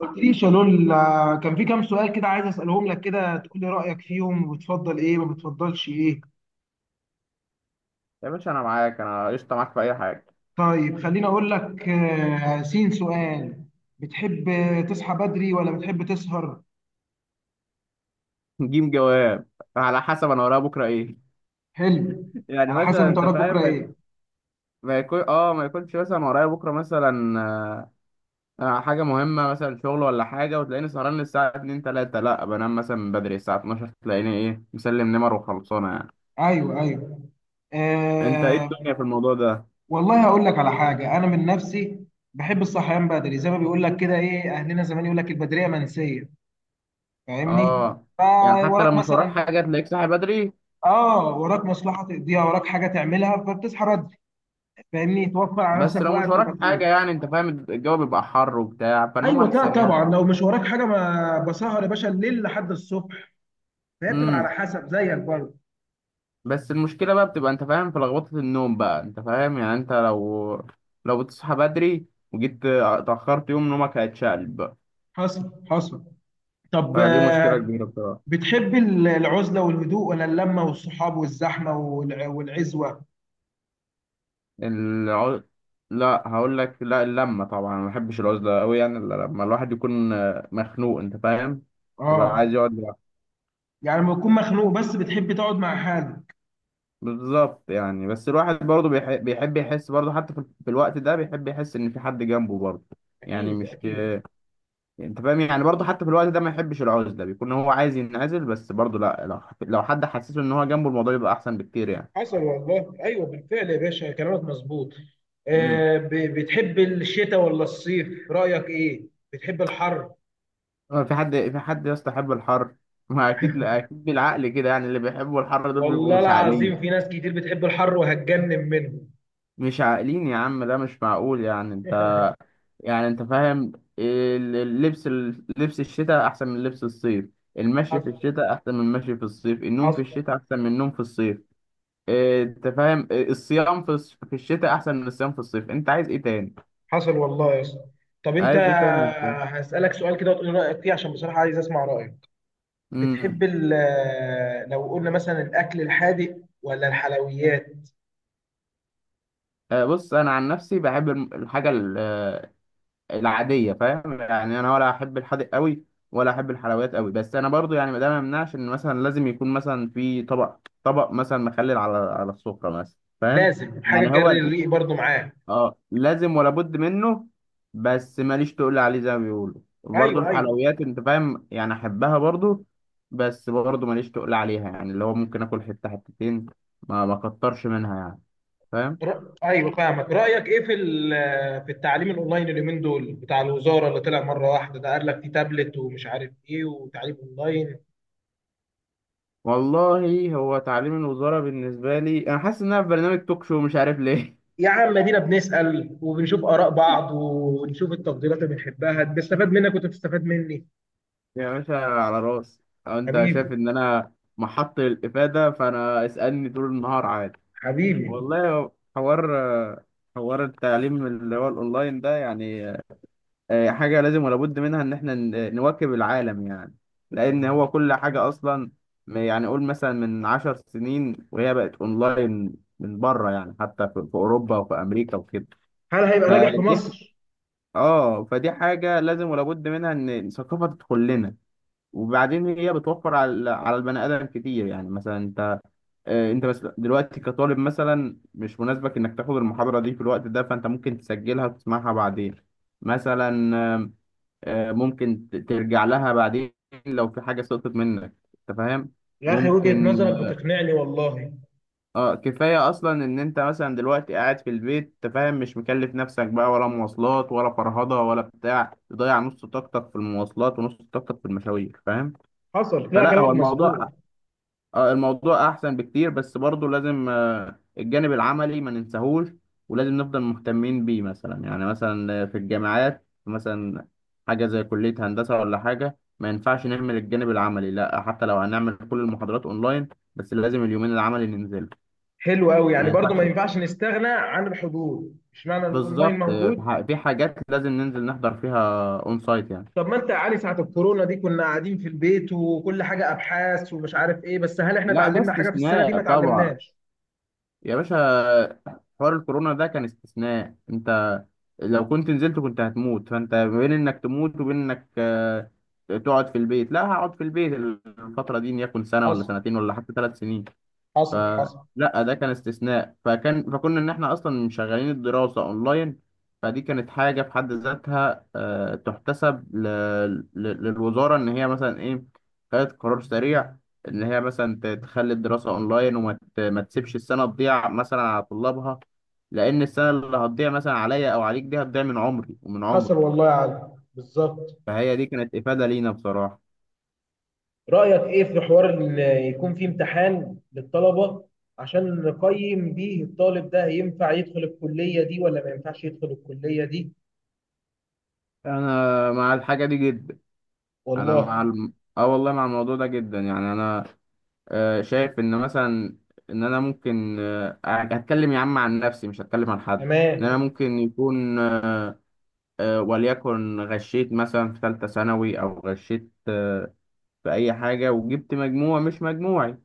قلتليش يا لول، كان في كام سؤال كده عايز اسالهم لك كده تقول لي رايك فيهم وبتفضل ايه ما بتفضلش ايه؟ يا باشا انا معاك، انا قشطه معاك في اي حاجه. طيب خليني اقول لك، سين سؤال. بتحب تصحى بدري ولا بتحب تسهر؟ جيم جواب. على حسب انا ورايا بكره ايه. حلو. يعني على حسب مثلا انت انت وراك فاهم بكره ما يكون. ايه. ما يكونش مثلا ورايا بكره مثلا حاجه مهمه، مثلا شغل ولا حاجه، وتلاقيني سهران للساعه 2 3. لا بنام مثلا من بدري الساعه 12 تلاقيني ايه مسلم نمر وخلصانه يعني. ايوه ايوه انت ايه آه. الدنيا في الموضوع ده؟ والله هقول لك على حاجه، انا من نفسي بحب الصحيان بدري، زي ما بيقول لك كده ايه اهلنا زمان، يقول لك البدريه منسيه. فاهمني؟ اه. يعني حتى لو فوراك مش وراك مثلا. حاجه تلاقيك صاحي بدري. اه، وراك مصلحه تقضيها، وراك حاجه تعملها، فبتصحى بدري. فاهمني؟ توفر على بس نفسك لو مش وقت وراك حاجه، ومجهود. يعني انت فاهم، الجو بيبقى حر وبتاع فالنوم ايوه، لا احسن طبعا لو مش وراك حاجه ما بسهر يا باشا الليل لحد الصبح. فهي بتبقى يعني. على حسب زيك برضه. بس المشكلة بقى بتبقى، انت فاهم، في لخبطة النوم بقى. انت فاهم يعني، انت لو بتصحى بدري وجيت اتأخرت يوم، نومك هيتشقلب بقى. حصل حصل. طب، فدي مشكلة كبيرة بصراحة. بتحب العزله والهدوء ولا اللمه والصحاب والزحمه والعزوه؟ العز... لا هقول لك، لا اللمة طبعا، ما بحبش العزلة قوي يعني، إلا لما الواحد يكون مخنوق، انت فاهم، يبقى اه. عايز يقعد لوحده. يعني لما تكون مخنوق بس بتحب تقعد مع حالك. بالظبط، يعني بس الواحد برضه بيحب يحس برضه، حتى في الوقت ده بيحب يحس ان في حد جنبه برضه. يعني اكيد مش، اكيد. انت فاهم، يعني برضه حتى في الوقت ده ما يحبش العزله، بيكون هو عايز ينعزل بس برضه. لا لو حد حسسه ان هو جنبه، الموضوع يبقى احسن بكتير يعني. حصل والله، ايوه بالفعل يا باشا كلامك مظبوط. امم آه، بتحب الشتاء ولا الصيف؟ رايك ايه؟ بتحب الحر؟ في حد، في حد يستحب الحر؟ ما اكيد لا، اكيد بالعقل كده يعني، اللي بيحبوا الحر دول بيبقوا والله مش العظيم عاقلين. في ناس كتير بتحب الحر وهتجنن منه. مش عاقلين يا عم، ده مش معقول يعني. انت، يعني انت فاهم، اللبس، لبس الشتاء احسن من لبس الصيف، المشي في حصل. الشتاء احسن من المشي في الصيف، النوم في حصل. الشتاء احسن من النوم في الصيف. انت فاهم، الصيام في في الشتاء احسن من الصيام في الصيف. انت عايز ايه تاني؟ حصل والله يا اسطى. طب انت، عايز ايه تاني انت؟ هسألك سؤال كده وتقول لي رأيك فيه عشان بصراحة عايز اسمع رأيك. بتحب امم لو قلنا مثلا الاكل الحادق ولا الحلويات؟ بص انا عن نفسي بحب الحاجه العاديه، فاهم يعني، انا ولا احب الحادق قوي ولا احب الحلويات قوي. بس انا برضو يعني، ما ده ما يمنعش ان مثلا لازم يكون مثلا في طبق مثلا مخلل على السفره مثلا، فاهم لازم حاجة يعني. تجري هو الريق برضو معاه. اه لازم ولا بد منه. بس ماليش تقول عليه، زي ما بيقولوا برضه، ايوه ايوه. الحلويات انت فاهم يعني احبها برضه، بس برضه ماليش تقول عليها، يعني اللي هو ممكن اكل حته حتتين، ما كترش منها يعني، فاهم. ايوه فاهمك. رايك ايه في في التعليم الاونلاين اليومين دول، بتاع الوزاره اللي طلع مره واحده ده، قال لك في تابلت ومش عارف ايه وتعليم اونلاين؟ والله هو تعليم الوزاره بالنسبه لي، انا حاسس ان انا في برنامج توك شو مش عارف ليه. يا عم ادينا بنسال وبنشوف اراء بعض ونشوف التفضيلات اللي بنحبها، بستفاد منك وانت بتستفاد مني. يا باشا على راسي. أو انت شايف حبيبي. ان انا محط الافاده فانا اسالني طول النهار عادي، حبيبي. والله. حوار، حوار التعليم اللي هو الاونلاين ده، يعني حاجة لازم ولا بد منها، إن إحنا نواكب العالم يعني. لأن هو كل حاجة أصلا، يعني قول مثلا من عشر سنين وهي بقت أونلاين من بره يعني، حتى في أوروبا وفي أمريكا وكده. هل هيبقى ناجح في فدي، مصر؟ فدي حاجة لازم ولا بد منها، إن الثقافة تدخل لنا. وبعدين هي بتوفر على البني آدم كتير، يعني مثلا أنت، أنت بس دلوقتي كطالب مثلا مش مناسبك إنك تاخد المحاضرة دي في الوقت ده، فأنت ممكن تسجلها وتسمعها بعدين مثلا. ممكن ترجع لها بعدين لو في حاجة سقطت منك، انت فاهم. يا اخي وجهه ممكن. نظرك بتقنعني والله. اه كفاية اصلا ان انت مثلا دلوقتي قاعد في البيت، انت فاهم، مش مكلف نفسك بقى ولا مواصلات ولا فرهضة ولا بتاع، تضيع نص طاقتك في المواصلات ونص طاقتك في المشاوير، فاهم. حصل، لا فلا كلامك هو مظبوط. الموضوع، الموضوع احسن بكتير. بس برضه لازم الجانب العملي ما ننساهوش، ولازم نفضل مهتمين بيه. مثلا يعني، مثلا في الجامعات مثلا، حاجه زي كليه هندسه ولا حاجه، ما ينفعش نهمل الجانب العملي. لا، حتى لو هنعمل كل المحاضرات اونلاين، بس لازم اليومين العملي ننزل. حلو قوي، ما يعني برضو ما ينفعش. ينفعش نستغنى عن الحضور، مش معنى إن الاونلاين بالظبط، في موجود. في حاجات لازم ننزل نحضر فيها اون سايت يعني. طب ما انت يا علي ساعة الكورونا دي كنا قاعدين في البيت، وكل حاجة ابحاث ومش عارف ايه، بس هل احنا لا ده اتعلمنا حاجة في السنة دي استثناء ما طبعا اتعلمناش؟ يا باشا. حوار الكورونا ده كان استثناء. انت لو كنت نزلت كنت هتموت، فانت بين انك تموت وبين انك تقعد في البيت، لا هقعد في البيت الفترة دي، ان يكون سنة ولا حصل سنتين ولا حتى ثلاث سنين. ف، حصل. حصل. لا ده كان استثناء، فكان، فكنا ان احنا اصلا مشغلين الدراسه اونلاين. فدي كانت حاجه في حد ذاتها تحتسب للوزاره، ان هي مثلا ايه، خدت قرار سريع ان هي مثلا تخلي الدراسه اونلاين، ما تسيبش السنه تضيع مثلا على طلابها، لان السنه اللي هتضيع مثلا عليا او عليك دي هتضيع من عمري ومن حصل عمرك. والله يا علي بالظبط. فهي دي كانت افاده لينا بصراحه. رأيك ايه في حوار ان يكون في امتحان للطلبة، عشان نقيم بيه الطالب ده ينفع يدخل الكلية دي ولا ما ينفعش يدخل الكلية دي؟ انا مع الحاجه دي جدا. انا والله. مع اه والله مع الموضوع ده جدا. يعني انا شايف ان مثلا، ان انا ممكن هتكلم يا عم عن نفسي مش هتكلم عن حد. ان انا تمام. ممكن يكون وليكن غشيت مثلا في ثالثة ثانوي، او غشيت في اي حاجة وجبت مجموع مش مجموعي،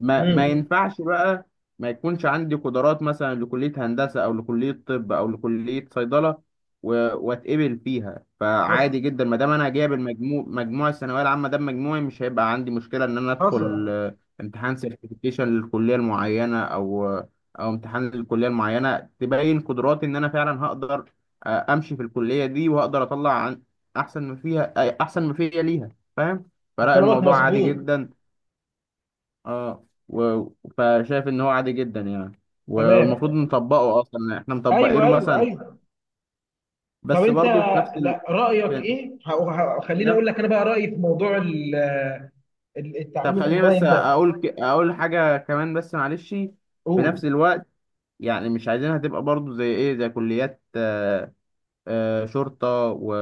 ما امم. ينفعش بقى ما يكونش عندي قدرات مثلا لكلية هندسة أو لكلية طب أو لكلية صيدلة واتقبل فيها. حصل. فعادي جدا ما دام أنا جايب المجموع، مجموع الثانوية العامة ده مجموعي، مش هيبقى عندي مشكلة إن أنا أدخل حصل. امتحان سيرتيفيكيشن للكلية المعينة أو أو امتحان للكلية المعينة تبين قدراتي إن أنا فعلا هقدر أمشي في الكلية دي وهقدر أطلع عن أحسن ما فيها، أحسن ما فيها ليها، فاهم. فلا كلامك الموضوع عادي مظبوط. جدا. اه فشايف ان هو عادي جدا يعني. تمام. والمفروض نطبقه اصلا، يعني احنا ايوه مطبقينه ايوه مثلا. ايوه. طب بس انت، برضه في نفس ال... لا رايك في... ايه في خليني نفس. اقول لك انا بقى رايي في موضوع طب التعليم خليني بس الاونلاين ده. اقول اقول حاجه كمان بس معلش، في قول. نفس الوقت. يعني مش عايزينها تبقى برضه زي ايه، زي كليات شرطة و...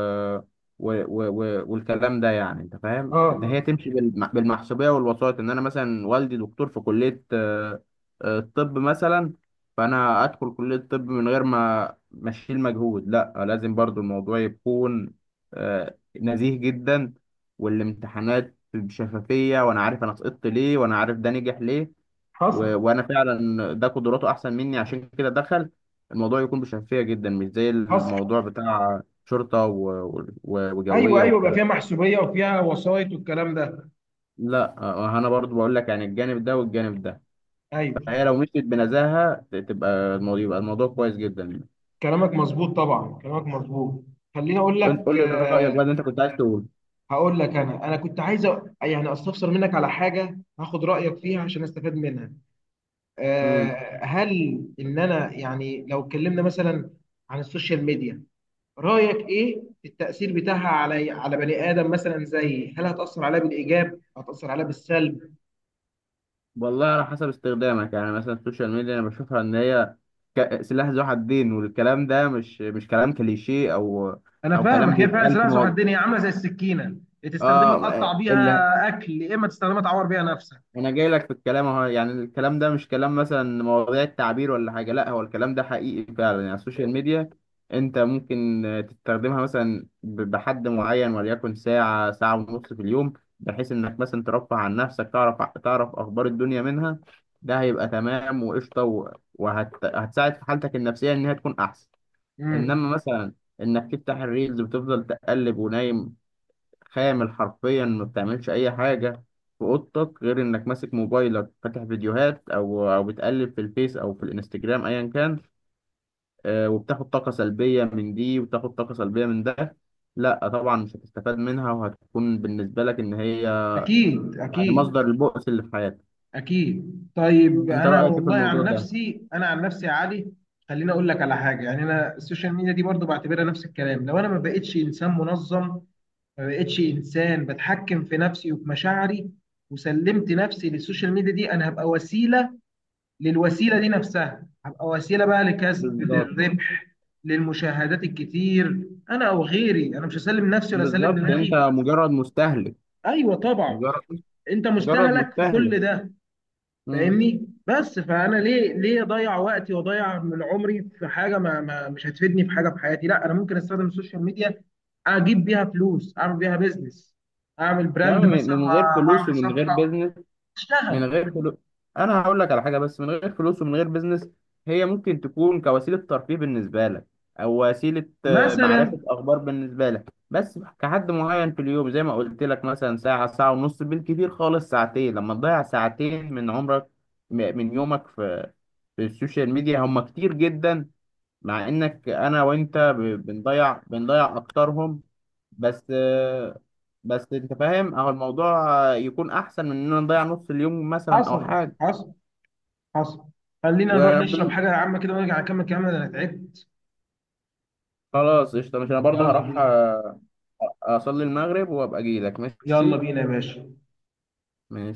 و... و... و... والكلام ده، يعني انت فاهم، ان هي اه. تمشي بالمحسوبية والوسائط، ان انا مثلا والدي دكتور في كلية الطب مثلا، فانا ادخل كلية الطب من غير ما، اشيل مجهود. لا لازم برضو الموضوع يكون نزيه جدا، والامتحانات بشفافية، وانا عارف انا سقطت ليه، وانا عارف ده نجح ليه حصل وانا فعلا ده قدراته احسن مني عشان كده دخل. الموضوع يكون بشفافيه جدا، مش زي حصل. الموضوع بتاع شرطه ايوه وجويه ايوه، بقى والكلام. فيها محسوبيه وفيها وسايط والكلام ده. لا انا برضو بقول لك يعني، الجانب ده والجانب ده. فهي ايوه. لو مشيت بنزاهه تبقى الموضوع، يبقى الموضوع كويس جدا. كلامك مظبوط طبعا، كلامك مظبوط. خليني اقول انت لك قول لي رايك بقى آه، اللي انت كنت عايز تقول. هقول لك، انا انا كنت عايز يعني استفسر منك على حاجه هاخد رايك فيها عشان استفاد منها. امم آه، هل ان انا يعني لو اتكلمنا مثلا عن السوشيال ميديا، رايك ايه في التاثير بتاعها على على بني ادم مثلا؟ زي هل هتاثر عليه بالايجاب هتاثر عليه بالسلب؟ والله على حسب استخدامك. يعني مثلا السوشيال ميديا انا بشوفها ان هي سلاح ذو حدين، والكلام ده مش كلام كليشيه او انا او فاهمك، كلام هي فعلا بيتقال سلاح في ذو مواضيع. حدين، هي عامله زي السكينه، يا تستخدمها اه تقطع بيها اكل يا اما تستخدمها تعور بيها نفسك. انا جاي لك في الكلام اهو، يعني الكلام ده مش كلام مثلا مواضيع التعبير ولا حاجه، لا هو الكلام ده حقيقي فعلا. يعني السوشيال ميديا انت ممكن تستخدمها مثلا بحد معين، وليكن ساعه ساعه ونص في اليوم، بحيث انك مثلا ترفه عن نفسك، تعرف، تعرف اخبار الدنيا منها. ده هيبقى تمام وقشطه هتساعد في حالتك النفسيه ان هي تكون احسن. امم. انما مثلا انك تفتح الريلز وتفضل تقلب ونايم، خامل حرفيا ما بتعملش اي حاجه في اوضتك غير انك ماسك موبايلك، فاتح فيديوهات او او بتقلب في الفيس او في الانستجرام ايا كان، وبتاخد طاقه سلبيه من دي وبتاخد طاقه سلبيه من ده، لا طبعا مش هتستفاد منها، وهتكون بالنسبه لك ان هي اكيد يعني اكيد. مصدر البؤس اللي في حياتك. اكيد. طيب انت انا رايك ايه في والله الموضوع عن ده؟ نفسي، انا عن نفسي يا علي، خليني اقول لك على حاجه. يعني انا السوشيال ميديا دي برضو بعتبرها نفس الكلام، لو انا ما بقتش انسان منظم، ما بقتش انسان بتحكم في نفسي وفي مشاعري، وسلمت نفسي للسوشيال ميديا دي، انا هبقى وسيله. للوسيله دي نفسها هبقى وسيله بقى، لكسب بالظبط. للربح، للمشاهدات الكتير، انا او غيري. انا مش هسلم نفسي ولا اسلم بالظبط انت دماغي. مجرد مستهلك. ايوه طبعا. مجرد، انت مجرد مستهلك في مستهلك. كل ده. مم. فاهمني؟ بس فانا ليه ليه اضيع وقتي واضيع من عمري في حاجه ما مش هتفيدني في حاجه في حياتي؟ لا، انا ممكن استخدم السوشيال ميديا، اجيب بيها فلوس، اعمل بيها بيزنس، اعمل يعني براند من مثلا من غير فلوس واعمل ومن غير صفحه، بيزنس. من اشتغل غير فلوس. انا هقول لك على حاجه، بس من غير فلوس ومن غير بيزنس. هي ممكن تكون كوسيله ترفيه بالنسبه لك، او وسيله مثلا. معرفه اخبار بالنسبه لك، بس كحد معين في اليوم زي ما قلت لك، مثلا ساعه ساعه ونص، بالكثير خالص ساعتين. لما تضيع ساعتين من عمرك، من يومك، في في السوشيال ميديا هم كتير جدا. مع انك انا وانت بنضيع اكترهم، بس بس انت فاهم اهو، الموضوع يكون احسن من ان انا نضيع نص اليوم مثلا او حصل حاجه. حصل. حصل. خلينا نروح نشرب وبال... حاجه عامه كده ونرجع نكمل كلامنا ده، انا تعبت. خلاص قشطه، مش انا برضه يلا هروح بينا. اصلي المغرب وابقى اجي لك يلا ماشي. بينا يا باشا. ماشي.